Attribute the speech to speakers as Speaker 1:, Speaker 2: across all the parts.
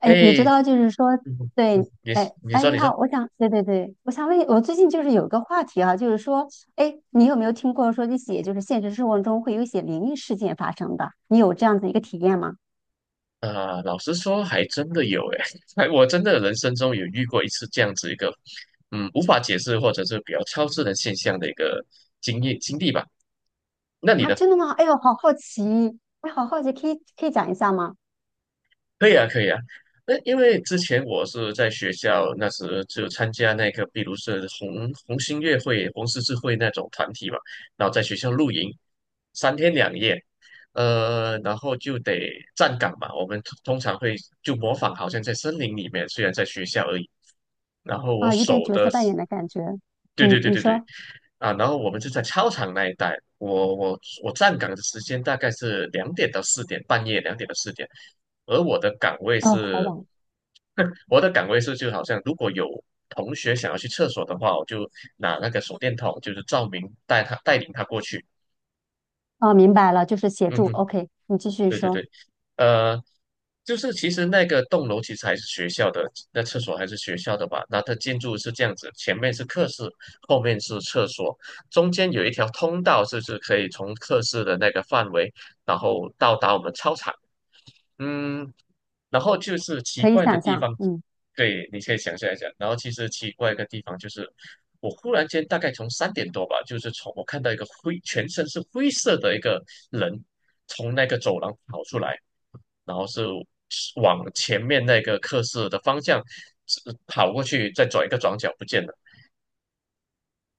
Speaker 1: 哎，你知
Speaker 2: 嘿，
Speaker 1: 道，就是说，
Speaker 2: 嗯嗯，
Speaker 1: 对，
Speaker 2: 你
Speaker 1: 哎
Speaker 2: 你
Speaker 1: 哎，
Speaker 2: 说
Speaker 1: 你
Speaker 2: 你说，
Speaker 1: 好，我想，对，我想问你，我最近就是有个话题啊，就是说，哎，你有没有听过说一些就是现实生活中会有一些灵异事件发生的？你有这样子一个体验吗？
Speaker 2: 啊，老实说，还真的有诶，哎，我真的人生中有遇过一次这样子一个，无法解释或者是比较超自然现象的一个经验经历吧。那你
Speaker 1: 啊，
Speaker 2: 呢？
Speaker 1: 真的吗？哎呦，好好奇，哎，好好奇，可以讲一下吗？
Speaker 2: 可以啊，可以啊。那因为之前我是在学校，那时就参加那个，比如是红星乐会、红十字会那种团体嘛，然后在学校露营三天两夜，然后就得站岗嘛。我们通常会就模仿，好像在森林里面，虽然在学校而已。然后我
Speaker 1: 啊，有点
Speaker 2: 手
Speaker 1: 角
Speaker 2: 的
Speaker 1: 色扮演的感觉。
Speaker 2: 对对
Speaker 1: 嗯，
Speaker 2: 对
Speaker 1: 你
Speaker 2: 对对，
Speaker 1: 说，
Speaker 2: 啊，然后我们就在操场那一带，我站岗的时间大概是两点到四点，半夜两点到四点，而我的岗位
Speaker 1: 哦，好
Speaker 2: 是，
Speaker 1: 网，
Speaker 2: 我的岗位是，就好像如果有同学想要去厕所的话，我就拿那个手电筒，就是照明带领他过去。
Speaker 1: 哦，明白了，就是协
Speaker 2: 嗯
Speaker 1: 助。
Speaker 2: 哼，
Speaker 1: OK，你继续
Speaker 2: 对对
Speaker 1: 说，
Speaker 2: 对，呃，就是其实那个栋楼其实还是学校的，那厕所还是学校的吧？那它建筑是这样子，前面是课室，后面是厕所，中间有一条通道，就是可以从课室的那个范围，然后到达我们操场。嗯，然后就是奇
Speaker 1: 可以
Speaker 2: 怪的
Speaker 1: 想
Speaker 2: 地
Speaker 1: 象，
Speaker 2: 方，
Speaker 1: 嗯，
Speaker 2: 对，你可以想象一下。然后其实奇怪的地方就是，我忽然间大概从三点多吧，就是从我看到一个灰，全身是灰色的一个人从那个走廊跑出来，然后是往前面那个课室的方向跑过去，再转一个转角不见了。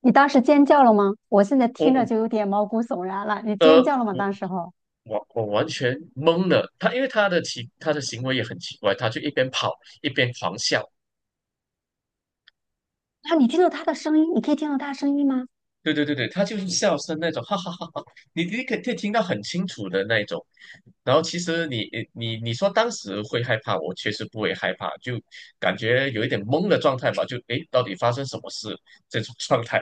Speaker 1: 你当时尖叫了吗？我现在
Speaker 2: 我
Speaker 1: 听着
Speaker 2: 我
Speaker 1: 就有点毛骨悚然了，你
Speaker 2: 呃
Speaker 1: 尖叫了吗？
Speaker 2: 我
Speaker 1: 当时候？
Speaker 2: 我完全懵了，他的行为也很奇怪，他就一边跑一边狂笑。
Speaker 1: 啊，你听到他的声音，你可以听到他的声音吗？
Speaker 2: 对对对对，他就是笑声那种，哈哈哈哈，你可以听到很清楚的那种。然后其实你说当时会害怕，我确实不会害怕，就感觉有一点懵的状态吧，就诶，到底发生什么事这种 状态。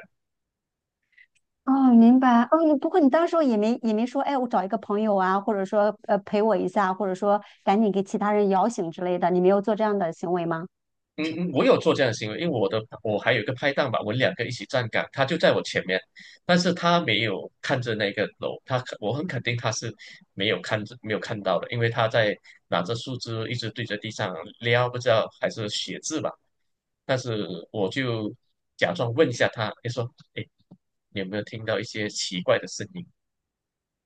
Speaker 1: 哦，明白。哦，你不过你当时候也没说，哎，我找一个朋友啊，或者说陪我一下，或者说赶紧给其他人摇醒之类的，你没有做这样的行为吗？
Speaker 2: 嗯嗯，我有做这样的行为，因为我还有一个拍档吧，我们两个一起站岗，他就在我前面，但是他没有看着那个楼，我很肯定他是没有看到的，因为他在拿着树枝一直对着地上撩，不知道还是写字吧，但是我就假装问一下他，就说，哎，你有没有听到一些奇怪的声音？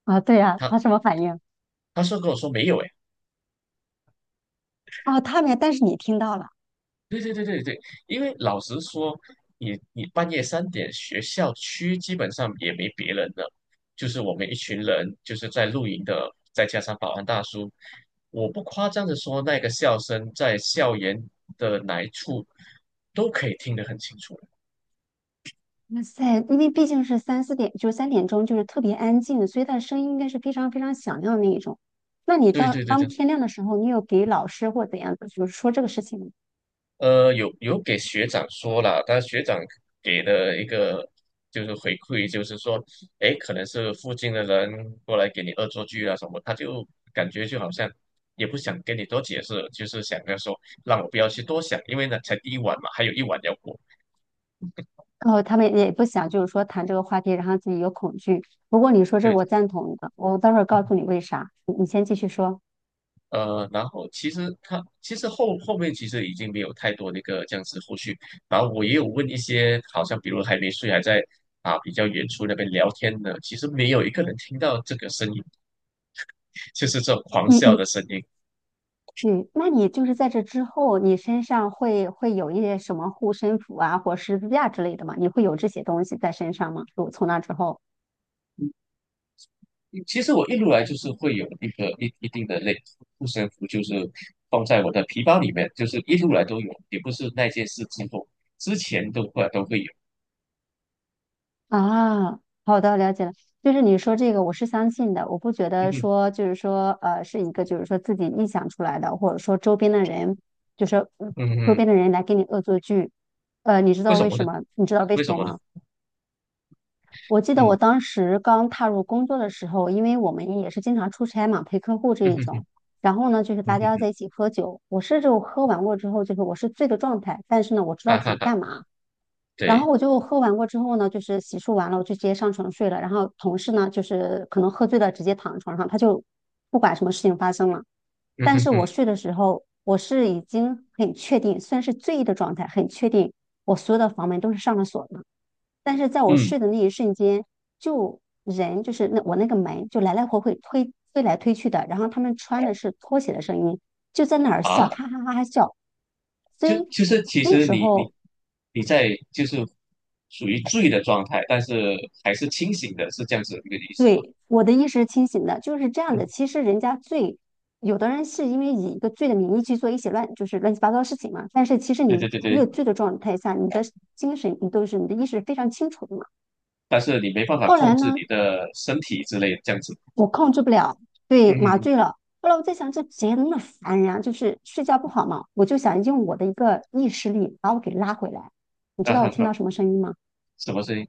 Speaker 1: 啊，对呀，他什
Speaker 2: 他
Speaker 1: 么反应？
Speaker 2: 他说跟我说没有，诶。
Speaker 1: 哦，他没，但是你听到了。
Speaker 2: 对对对对对，因为老实说，你半夜三点，学校区基本上也没别人了，就是我们一群人，就是在露营的，再加上保安大叔，我不夸张的说，那个笑声在校园的哪一处都可以听得很清楚。
Speaker 1: 哇塞，因为毕竟是三四点，就是三点钟，就是特别安静，所以他的声音应该是非常非常响亮的那一种。那你
Speaker 2: 对
Speaker 1: 到
Speaker 2: 对对
Speaker 1: 当
Speaker 2: 对，
Speaker 1: 天亮的时候，你有给老师或怎样的，就是说这个事情吗？
Speaker 2: 有给学长说了，但学长给的一个就是回馈，就是说，哎，可能是附近的人过来给你恶作剧啊什么，他就感觉就好像也不想跟你多解释，就是想要说让我不要去多想，因为呢才第一晚嘛，还有一晚要过。
Speaker 1: 然后他们也不想，就是说谈这个话题，然后自己有恐惧。不过你说这个
Speaker 2: 对，
Speaker 1: 我赞同的，我待会儿告诉你为啥。你先继续说，
Speaker 2: 然后其实他其实后面其实已经没有太多那个这样子后续，然后我也有问一些，好像比如还没睡，还在啊比较远处那边聊天的，其实没有一个人听到这个声音，就是这种狂
Speaker 1: 你
Speaker 2: 笑
Speaker 1: 你
Speaker 2: 的声音。
Speaker 1: 你，那你就是在这之后，你身上会有一些什么护身符啊，或十字架之类的吗？你会有这些东西在身上吗？就从那之后。
Speaker 2: 其实我一路来就是会有一个一定的类护身符，就是放在我的皮包里面，就是一路来都有，也不是那件事之后，之前都会有。
Speaker 1: 啊，好的，了解了。就是你说这个，我是相信的，我不觉
Speaker 2: 嗯
Speaker 1: 得
Speaker 2: 哼，
Speaker 1: 说就是说是一个就是说自己臆想出来的，或者说周边的人，就是嗯
Speaker 2: 嗯
Speaker 1: 周
Speaker 2: 哼，
Speaker 1: 边的人来给你恶作剧。你知
Speaker 2: 为
Speaker 1: 道
Speaker 2: 什
Speaker 1: 为
Speaker 2: 么呢？
Speaker 1: 什么？你知道为
Speaker 2: 为
Speaker 1: 什
Speaker 2: 什
Speaker 1: 么
Speaker 2: 么呢？
Speaker 1: 吗？我记得我
Speaker 2: 嗯，
Speaker 1: 当时刚踏入工作的时候，因为我们也是经常出差嘛，陪客户 这
Speaker 2: 嗯
Speaker 1: 一
Speaker 2: 哼
Speaker 1: 种。
Speaker 2: 哼，
Speaker 1: 然后呢，就是
Speaker 2: 嗯
Speaker 1: 大
Speaker 2: 哼
Speaker 1: 家
Speaker 2: 哼
Speaker 1: 在一起喝酒，我是就喝完过之后，就是我是醉的状态，但是呢，我知道
Speaker 2: 啊
Speaker 1: 自
Speaker 2: 哈
Speaker 1: 己
Speaker 2: 哈，
Speaker 1: 干嘛。然后
Speaker 2: 对。
Speaker 1: 我就喝完过之后呢，就是洗漱完了，我就直接上床睡了。然后同事呢，就是可能喝醉了，直接躺在床上，他就不管什么事情发生了。
Speaker 2: 嗯
Speaker 1: 但
Speaker 2: 哼
Speaker 1: 是我
Speaker 2: 哼，
Speaker 1: 睡的时候，我是已经很确定，虽然是醉意的状态，很确定我所有的房门都是上了锁的。但是在我
Speaker 2: 嗯
Speaker 1: 睡的那一瞬间，就人就是那我那个门就来来回回推来推去的，然后他们穿的是拖鞋的声音，就在那儿
Speaker 2: 啊，
Speaker 1: 笑，哈哈哈哈笑。所
Speaker 2: 就
Speaker 1: 以
Speaker 2: 就是其
Speaker 1: 那
Speaker 2: 实
Speaker 1: 时
Speaker 2: 你你
Speaker 1: 候
Speaker 2: 你在就是属于醉的状态，但是还是清醒的，是这样子一个意思吧？
Speaker 1: 对，我的意识是清醒的，就是这样的。其 实人家罪，有的人是因为以一个醉的名义去做一些乱，就是乱七八糟的事情嘛。但是其实
Speaker 2: 对对
Speaker 1: 你
Speaker 2: 对
Speaker 1: 越
Speaker 2: 对，
Speaker 1: 醉的状态下，你的精神你都是你的意识是非常清楚的嘛。
Speaker 2: 但是你没办法
Speaker 1: 后
Speaker 2: 控
Speaker 1: 来
Speaker 2: 制
Speaker 1: 呢，
Speaker 2: 你的身体之类的这样子。
Speaker 1: 我控制不了，对，麻
Speaker 2: 嗯，
Speaker 1: 醉了。后来我在想，这谁那么烦人啊？就是睡觉不好嘛，我就想用我的一个意识力把我给拉回来。你知
Speaker 2: 啊
Speaker 1: 道我
Speaker 2: 哈
Speaker 1: 听
Speaker 2: 哈，
Speaker 1: 到什么声音吗？
Speaker 2: 什么声音？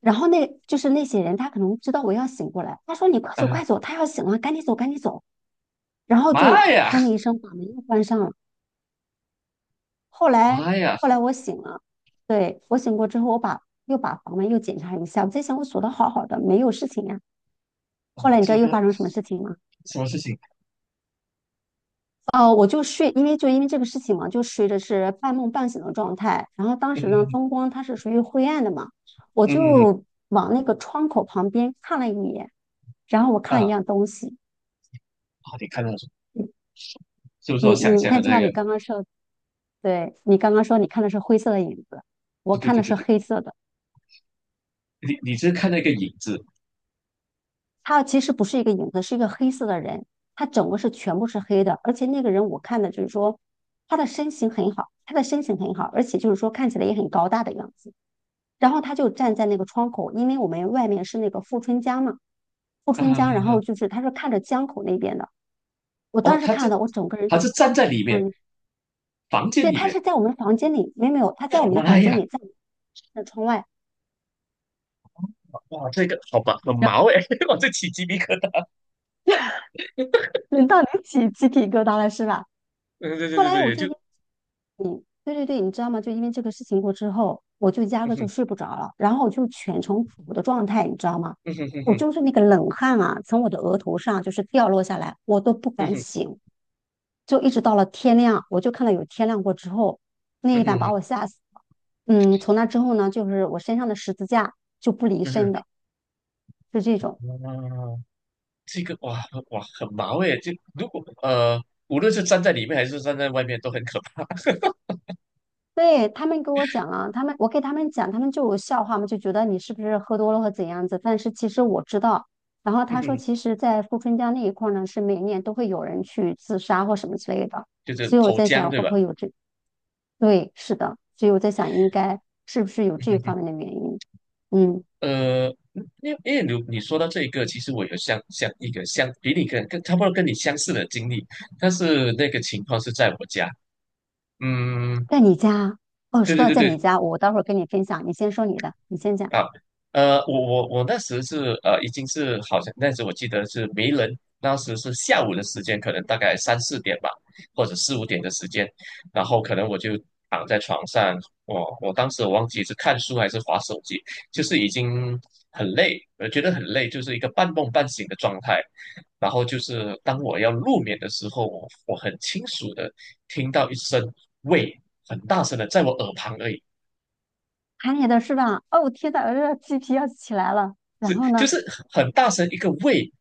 Speaker 1: 然后那就是那些人，他可能知道我要醒过来，他说：“你快走，
Speaker 2: 啊，
Speaker 1: 快走，他要醒了，赶紧走，赶紧走。”然后
Speaker 2: 妈
Speaker 1: 就
Speaker 2: 呀，
Speaker 1: 砰的一声把门又关上了。后来
Speaker 2: 妈呀，
Speaker 1: 后来我醒了，对，我醒过之后，我把又把房门又检查一下，我在想我锁的好好的，没有事情呀。
Speaker 2: 哇，
Speaker 1: 后来你知道
Speaker 2: 这
Speaker 1: 又
Speaker 2: 个
Speaker 1: 发生什么事情吗？
Speaker 2: 什么事情？
Speaker 1: 哦，我就睡，因为就因为这个事情嘛，就睡的是半梦半醒的状态。然后当
Speaker 2: 嗯
Speaker 1: 时呢，
Speaker 2: 嗯
Speaker 1: 灯光它是属于灰暗的嘛，我
Speaker 2: 嗯嗯
Speaker 1: 就往那个窗口旁边看了一眼，然后我看了
Speaker 2: 啊
Speaker 1: 一样东西。
Speaker 2: 啊，你看到什么？
Speaker 1: 你
Speaker 2: 是不是
Speaker 1: 你
Speaker 2: 我想
Speaker 1: 你
Speaker 2: 象的
Speaker 1: 看，就
Speaker 2: 那
Speaker 1: 像你
Speaker 2: 个？
Speaker 1: 刚刚说，对，你刚刚说你看的是灰色的影子，我
Speaker 2: 对对
Speaker 1: 看
Speaker 2: 对
Speaker 1: 的
Speaker 2: 对
Speaker 1: 是
Speaker 2: 对，
Speaker 1: 黑色的。
Speaker 2: 你是看到一个影子
Speaker 1: 他其实不是一个影子，是一个黑色的人，他整个是全部是黑的，而且那个人我看的就是说他的身形很好，他的身形很好，而且就是说看起来也很高大的样子。然后他就站在那个窗口，因为我们外面是那个富春江嘛，富春
Speaker 2: 啊？
Speaker 1: 江，然后就是他是看着江口那边的。我
Speaker 2: 哦，
Speaker 1: 当时看到我整个人
Speaker 2: 他
Speaker 1: 就，
Speaker 2: 是站在里面，
Speaker 1: 嗯，
Speaker 2: 房间
Speaker 1: 对，
Speaker 2: 里
Speaker 1: 他
Speaker 2: 面。
Speaker 1: 是在我们房间里，没有，他在我们
Speaker 2: 我
Speaker 1: 的
Speaker 2: 妈
Speaker 1: 房间
Speaker 2: 呀，
Speaker 1: 里，在那窗外，
Speaker 2: 哇，这个好吧，很毛哎，我这起鸡皮疙瘩。
Speaker 1: 轮到你起鸡皮疙瘩了是吧？
Speaker 2: 嗯，对对
Speaker 1: 后
Speaker 2: 对
Speaker 1: 来
Speaker 2: 对
Speaker 1: 我
Speaker 2: 对，
Speaker 1: 就嗯，对对对，你知道吗？就因为这个事情过之后，我就压
Speaker 2: 嗯
Speaker 1: 根就
Speaker 2: 哼
Speaker 1: 睡不着了，然后我就全程苦的状态，你知道吗？
Speaker 2: 嗯哼哼
Speaker 1: 我
Speaker 2: 哼
Speaker 1: 就是那个冷汗啊，从我的额头上就是掉落下来，我都不
Speaker 2: 嗯
Speaker 1: 敢
Speaker 2: 哼
Speaker 1: 醒，就一直到了天亮，我就看到有天亮过之后，那
Speaker 2: 嗯
Speaker 1: 一晚
Speaker 2: 哼
Speaker 1: 把我吓死了。嗯，从那之后呢，就是我身上的十字架就不离
Speaker 2: 嗯
Speaker 1: 身
Speaker 2: 哼
Speaker 1: 的，就这种。
Speaker 2: 嗯哼，啊，这个哇哇很毛哎，就如果呃，无论是站在里面还是站在外面都很可怕。
Speaker 1: 对，他们跟我讲啊，他们我给他们讲，他们就有笑话嘛，就觉得你是不是喝多了或怎样子。但是其实我知道，然后
Speaker 2: 嗯
Speaker 1: 他说，
Speaker 2: 哼，
Speaker 1: 其实，在富春江那一块儿呢，是每年都会有人去自杀或什么之类的。
Speaker 2: 就是
Speaker 1: 所以我
Speaker 2: 投
Speaker 1: 在
Speaker 2: 江
Speaker 1: 想，
Speaker 2: 对
Speaker 1: 会
Speaker 2: 吧？
Speaker 1: 不会有这？对，是的，所以我在想，应该是不是有这方面的原因？嗯，
Speaker 2: 呃，因为你说到这一个，其实我有相一个相比你跟差不多跟你相似的经历，但是那个情况是在我家。嗯，
Speaker 1: 在你家哦，
Speaker 2: 对
Speaker 1: 说
Speaker 2: 对
Speaker 1: 到
Speaker 2: 对
Speaker 1: 在你
Speaker 2: 对，
Speaker 1: 家，我待会儿跟你分享，你先说你的，你先讲，
Speaker 2: 啊，我那时是已经是好像那时我记得是没人，当时是下午的时间，可能大概三四点吧，或者四五点的时间，然后可能我就躺在床上，我当时我忘记是看书还是划手机，就是已经很累，我觉得很累，就是一个半梦半醒的状态。然后就是当我要入眠的时候，我很清楚的听到一声喂，很大声的在我耳旁而已，
Speaker 1: 喊你的是吧？哦，天呐，我这鸡皮要起来了。然
Speaker 2: 是
Speaker 1: 后
Speaker 2: 就
Speaker 1: 呢？
Speaker 2: 是很大声一个喂。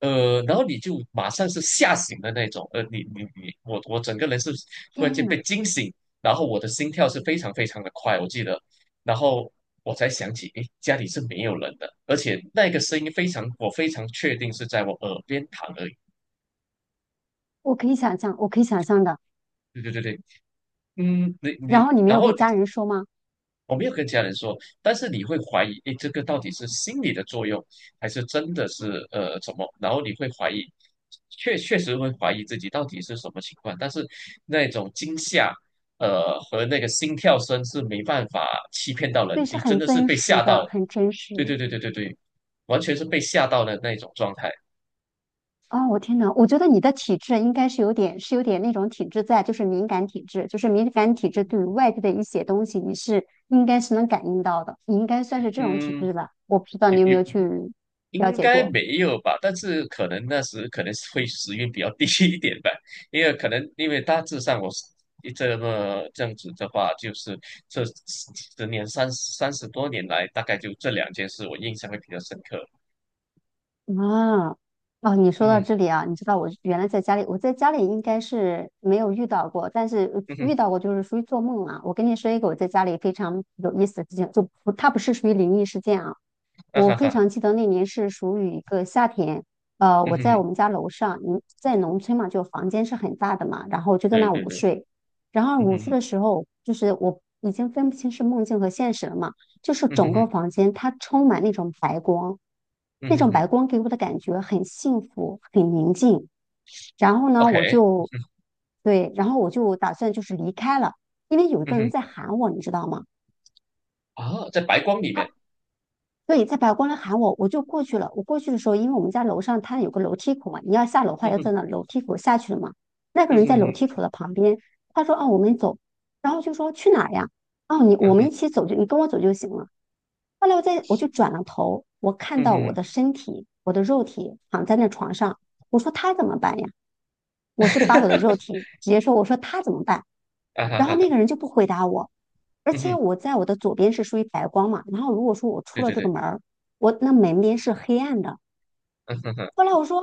Speaker 2: 然后你就马上是吓醒的那种，呃，你你你，我整个人是突然间
Speaker 1: 天
Speaker 2: 被惊醒，然后我的心跳是非常非常的快，我记得，然后我才想起，诶，家里是没有人的，而且那个声音非常，我非常确定是在我耳边躺而已。
Speaker 1: 我可以想象，我可以想象的。
Speaker 2: 对对对对，嗯，
Speaker 1: 然后你没
Speaker 2: 然
Speaker 1: 有
Speaker 2: 后
Speaker 1: 给家人说吗？
Speaker 2: 我没有跟家人说，但是你会怀疑，诶，这个到底是心理的作用，还是真的是怎么？然后你会怀疑，确实会怀疑自己到底是什么情况，但是那种惊吓，和那个心跳声是没办法欺骗到人，
Speaker 1: 对，是
Speaker 2: 你
Speaker 1: 很
Speaker 2: 真的是
Speaker 1: 真
Speaker 2: 被
Speaker 1: 实
Speaker 2: 吓到
Speaker 1: 的，
Speaker 2: 了，
Speaker 1: 很真
Speaker 2: 对
Speaker 1: 实。
Speaker 2: 对对对对对，完全是被吓到的那种状态，
Speaker 1: 哦，我天呐，我觉得你的体质应该是有点，是有点那种体质在，就是敏感体质，就是敏感体质对于外界的一些东西，你是应该是能感应到的，你应该算是这种体
Speaker 2: 嗯。
Speaker 1: 质吧？我不知道
Speaker 2: 有
Speaker 1: 你有没
Speaker 2: 有
Speaker 1: 有去了
Speaker 2: 应
Speaker 1: 解
Speaker 2: 该
Speaker 1: 过。
Speaker 2: 没有吧，但是可能那时可能是会时运比较低 一点吧，因为可能因为大致上我是这么这样子的话，就是这十年三十多年来，大概就这两件事我印象会比较深刻。
Speaker 1: 啊，哦，你说到
Speaker 2: 嗯
Speaker 1: 这里啊，你知道我原来在家里，我在家里应该是没有遇到过，但是
Speaker 2: 嗯哼，
Speaker 1: 遇到过就是属于做梦啊。我跟你说一个我在家里非常有意思的事情，就不，它不是属于灵异事件啊。
Speaker 2: 啊
Speaker 1: 我
Speaker 2: 哈
Speaker 1: 非
Speaker 2: 哈，
Speaker 1: 常记得那年是属于一个夏天，
Speaker 2: 嗯
Speaker 1: 我
Speaker 2: 哼
Speaker 1: 在我
Speaker 2: 哼，
Speaker 1: 们家楼上，你在农村嘛，就房间是很大的嘛，然后我就在
Speaker 2: 对
Speaker 1: 那
Speaker 2: 对
Speaker 1: 午
Speaker 2: 对，
Speaker 1: 睡，然后
Speaker 2: 嗯
Speaker 1: 午
Speaker 2: 哼
Speaker 1: 睡
Speaker 2: 哼，
Speaker 1: 的时候，就是我已经分不清是梦境和现实了嘛。就是
Speaker 2: 嗯
Speaker 1: 整
Speaker 2: 哼
Speaker 1: 个
Speaker 2: 哼，
Speaker 1: 房间它充满那种白光，
Speaker 2: 嗯
Speaker 1: 那
Speaker 2: 哼
Speaker 1: 种
Speaker 2: 哼
Speaker 1: 白光给我的感觉很幸福，很宁静。然后呢，我
Speaker 2: ，OK，
Speaker 1: 就对，然后我就打算就是离开了，因为有一
Speaker 2: 嗯
Speaker 1: 个人
Speaker 2: 哼，
Speaker 1: 在喊我，你知道吗？
Speaker 2: 啊，在白光里面，
Speaker 1: 对，在百货公司喊我，我就过去了。我过去的时候，因为我们家楼上它有个楼梯口嘛，你要下楼的话
Speaker 2: 嗯
Speaker 1: 要
Speaker 2: 哼，
Speaker 1: 在那楼梯口下去了嘛。那个
Speaker 2: 嗯
Speaker 1: 人在
Speaker 2: 哼
Speaker 1: 楼
Speaker 2: 哼，
Speaker 1: 梯口的旁边，他说：“哦，我们走。”然后就说：“去哪儿呀？”哦，你
Speaker 2: 嗯
Speaker 1: 我们
Speaker 2: 哼，
Speaker 1: 一起走就你跟我走就行了。后来我在我就转了头，我看
Speaker 2: 嗯
Speaker 1: 到我
Speaker 2: 哼，
Speaker 1: 的身体，我的肉体躺在那床上，我说他怎么办呀？我是把我的肉 体直接说，我说他怎么办？
Speaker 2: 啊哈
Speaker 1: 然后
Speaker 2: 哈哈，
Speaker 1: 那个人就不回答我，而
Speaker 2: 嗯
Speaker 1: 且
Speaker 2: 哼，
Speaker 1: 我在我的左边是属于白光嘛，然后如果说我出
Speaker 2: 对
Speaker 1: 了
Speaker 2: 对
Speaker 1: 这个
Speaker 2: 对，
Speaker 1: 门儿，我那门边是黑暗的。
Speaker 2: 嗯哼哼，
Speaker 1: 后来我说，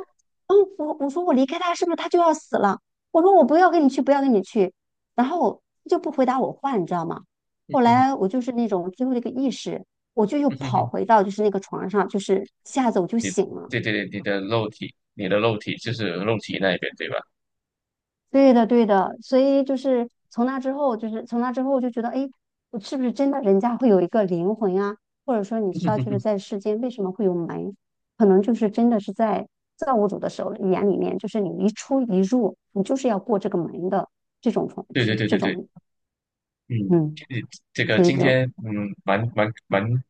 Speaker 1: 嗯，我我说我离开他是不是他就要死了？我说我不要跟你去，不要跟你去，然后他就不回答我话，你知道吗？
Speaker 2: 嗯
Speaker 1: 后
Speaker 2: 哼哼，
Speaker 1: 来我就是那种最后的一个意识，我就又
Speaker 2: 嗯哼
Speaker 1: 跑
Speaker 2: 哼。
Speaker 1: 回到就是那个床上，就是一下子我就
Speaker 2: 你
Speaker 1: 醒了。
Speaker 2: 对对对，你的肉体，你的肉体就是肉体那一边，对吧？
Speaker 1: 对的，对的，所以就是从那之后，就是从那之后，我就觉得，哎，我是不是真的人家会有一个灵魂啊？或者说，你知道，就是在 世间为什么会有门，可能就是真的是在造物主的手里眼里面，就是你一出一入，你就是要过这个门的这种方
Speaker 2: 对对
Speaker 1: 这
Speaker 2: 对
Speaker 1: 这
Speaker 2: 对对，
Speaker 1: 种，
Speaker 2: 嗯，
Speaker 1: 嗯，
Speaker 2: 你这个
Speaker 1: 所以
Speaker 2: 今
Speaker 1: 就，
Speaker 2: 天蛮蛮蛮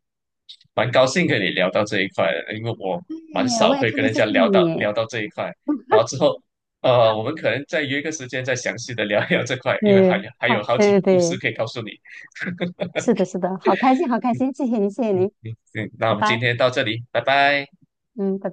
Speaker 2: 蛮高兴跟你聊到这一块的，因为我蛮
Speaker 1: 哎，
Speaker 2: 少
Speaker 1: 我也
Speaker 2: 会
Speaker 1: 特
Speaker 2: 跟
Speaker 1: 别
Speaker 2: 人
Speaker 1: 谢
Speaker 2: 家
Speaker 1: 谢
Speaker 2: 聊到
Speaker 1: 你，
Speaker 2: 聊到这一块，然后之后我们可能再约个时间再详细的聊一聊这块，因为
Speaker 1: 对，
Speaker 2: 还还
Speaker 1: 好，
Speaker 2: 有好几
Speaker 1: 对
Speaker 2: 个
Speaker 1: 对
Speaker 2: 故事
Speaker 1: 对，
Speaker 2: 可以告诉你。
Speaker 1: 是的，是的，好开心，好开心，谢谢您，谢谢您，
Speaker 2: 嗯，嗯那我
Speaker 1: 拜
Speaker 2: 们今
Speaker 1: 拜，
Speaker 2: 天到这里，拜拜。
Speaker 1: 嗯，拜拜。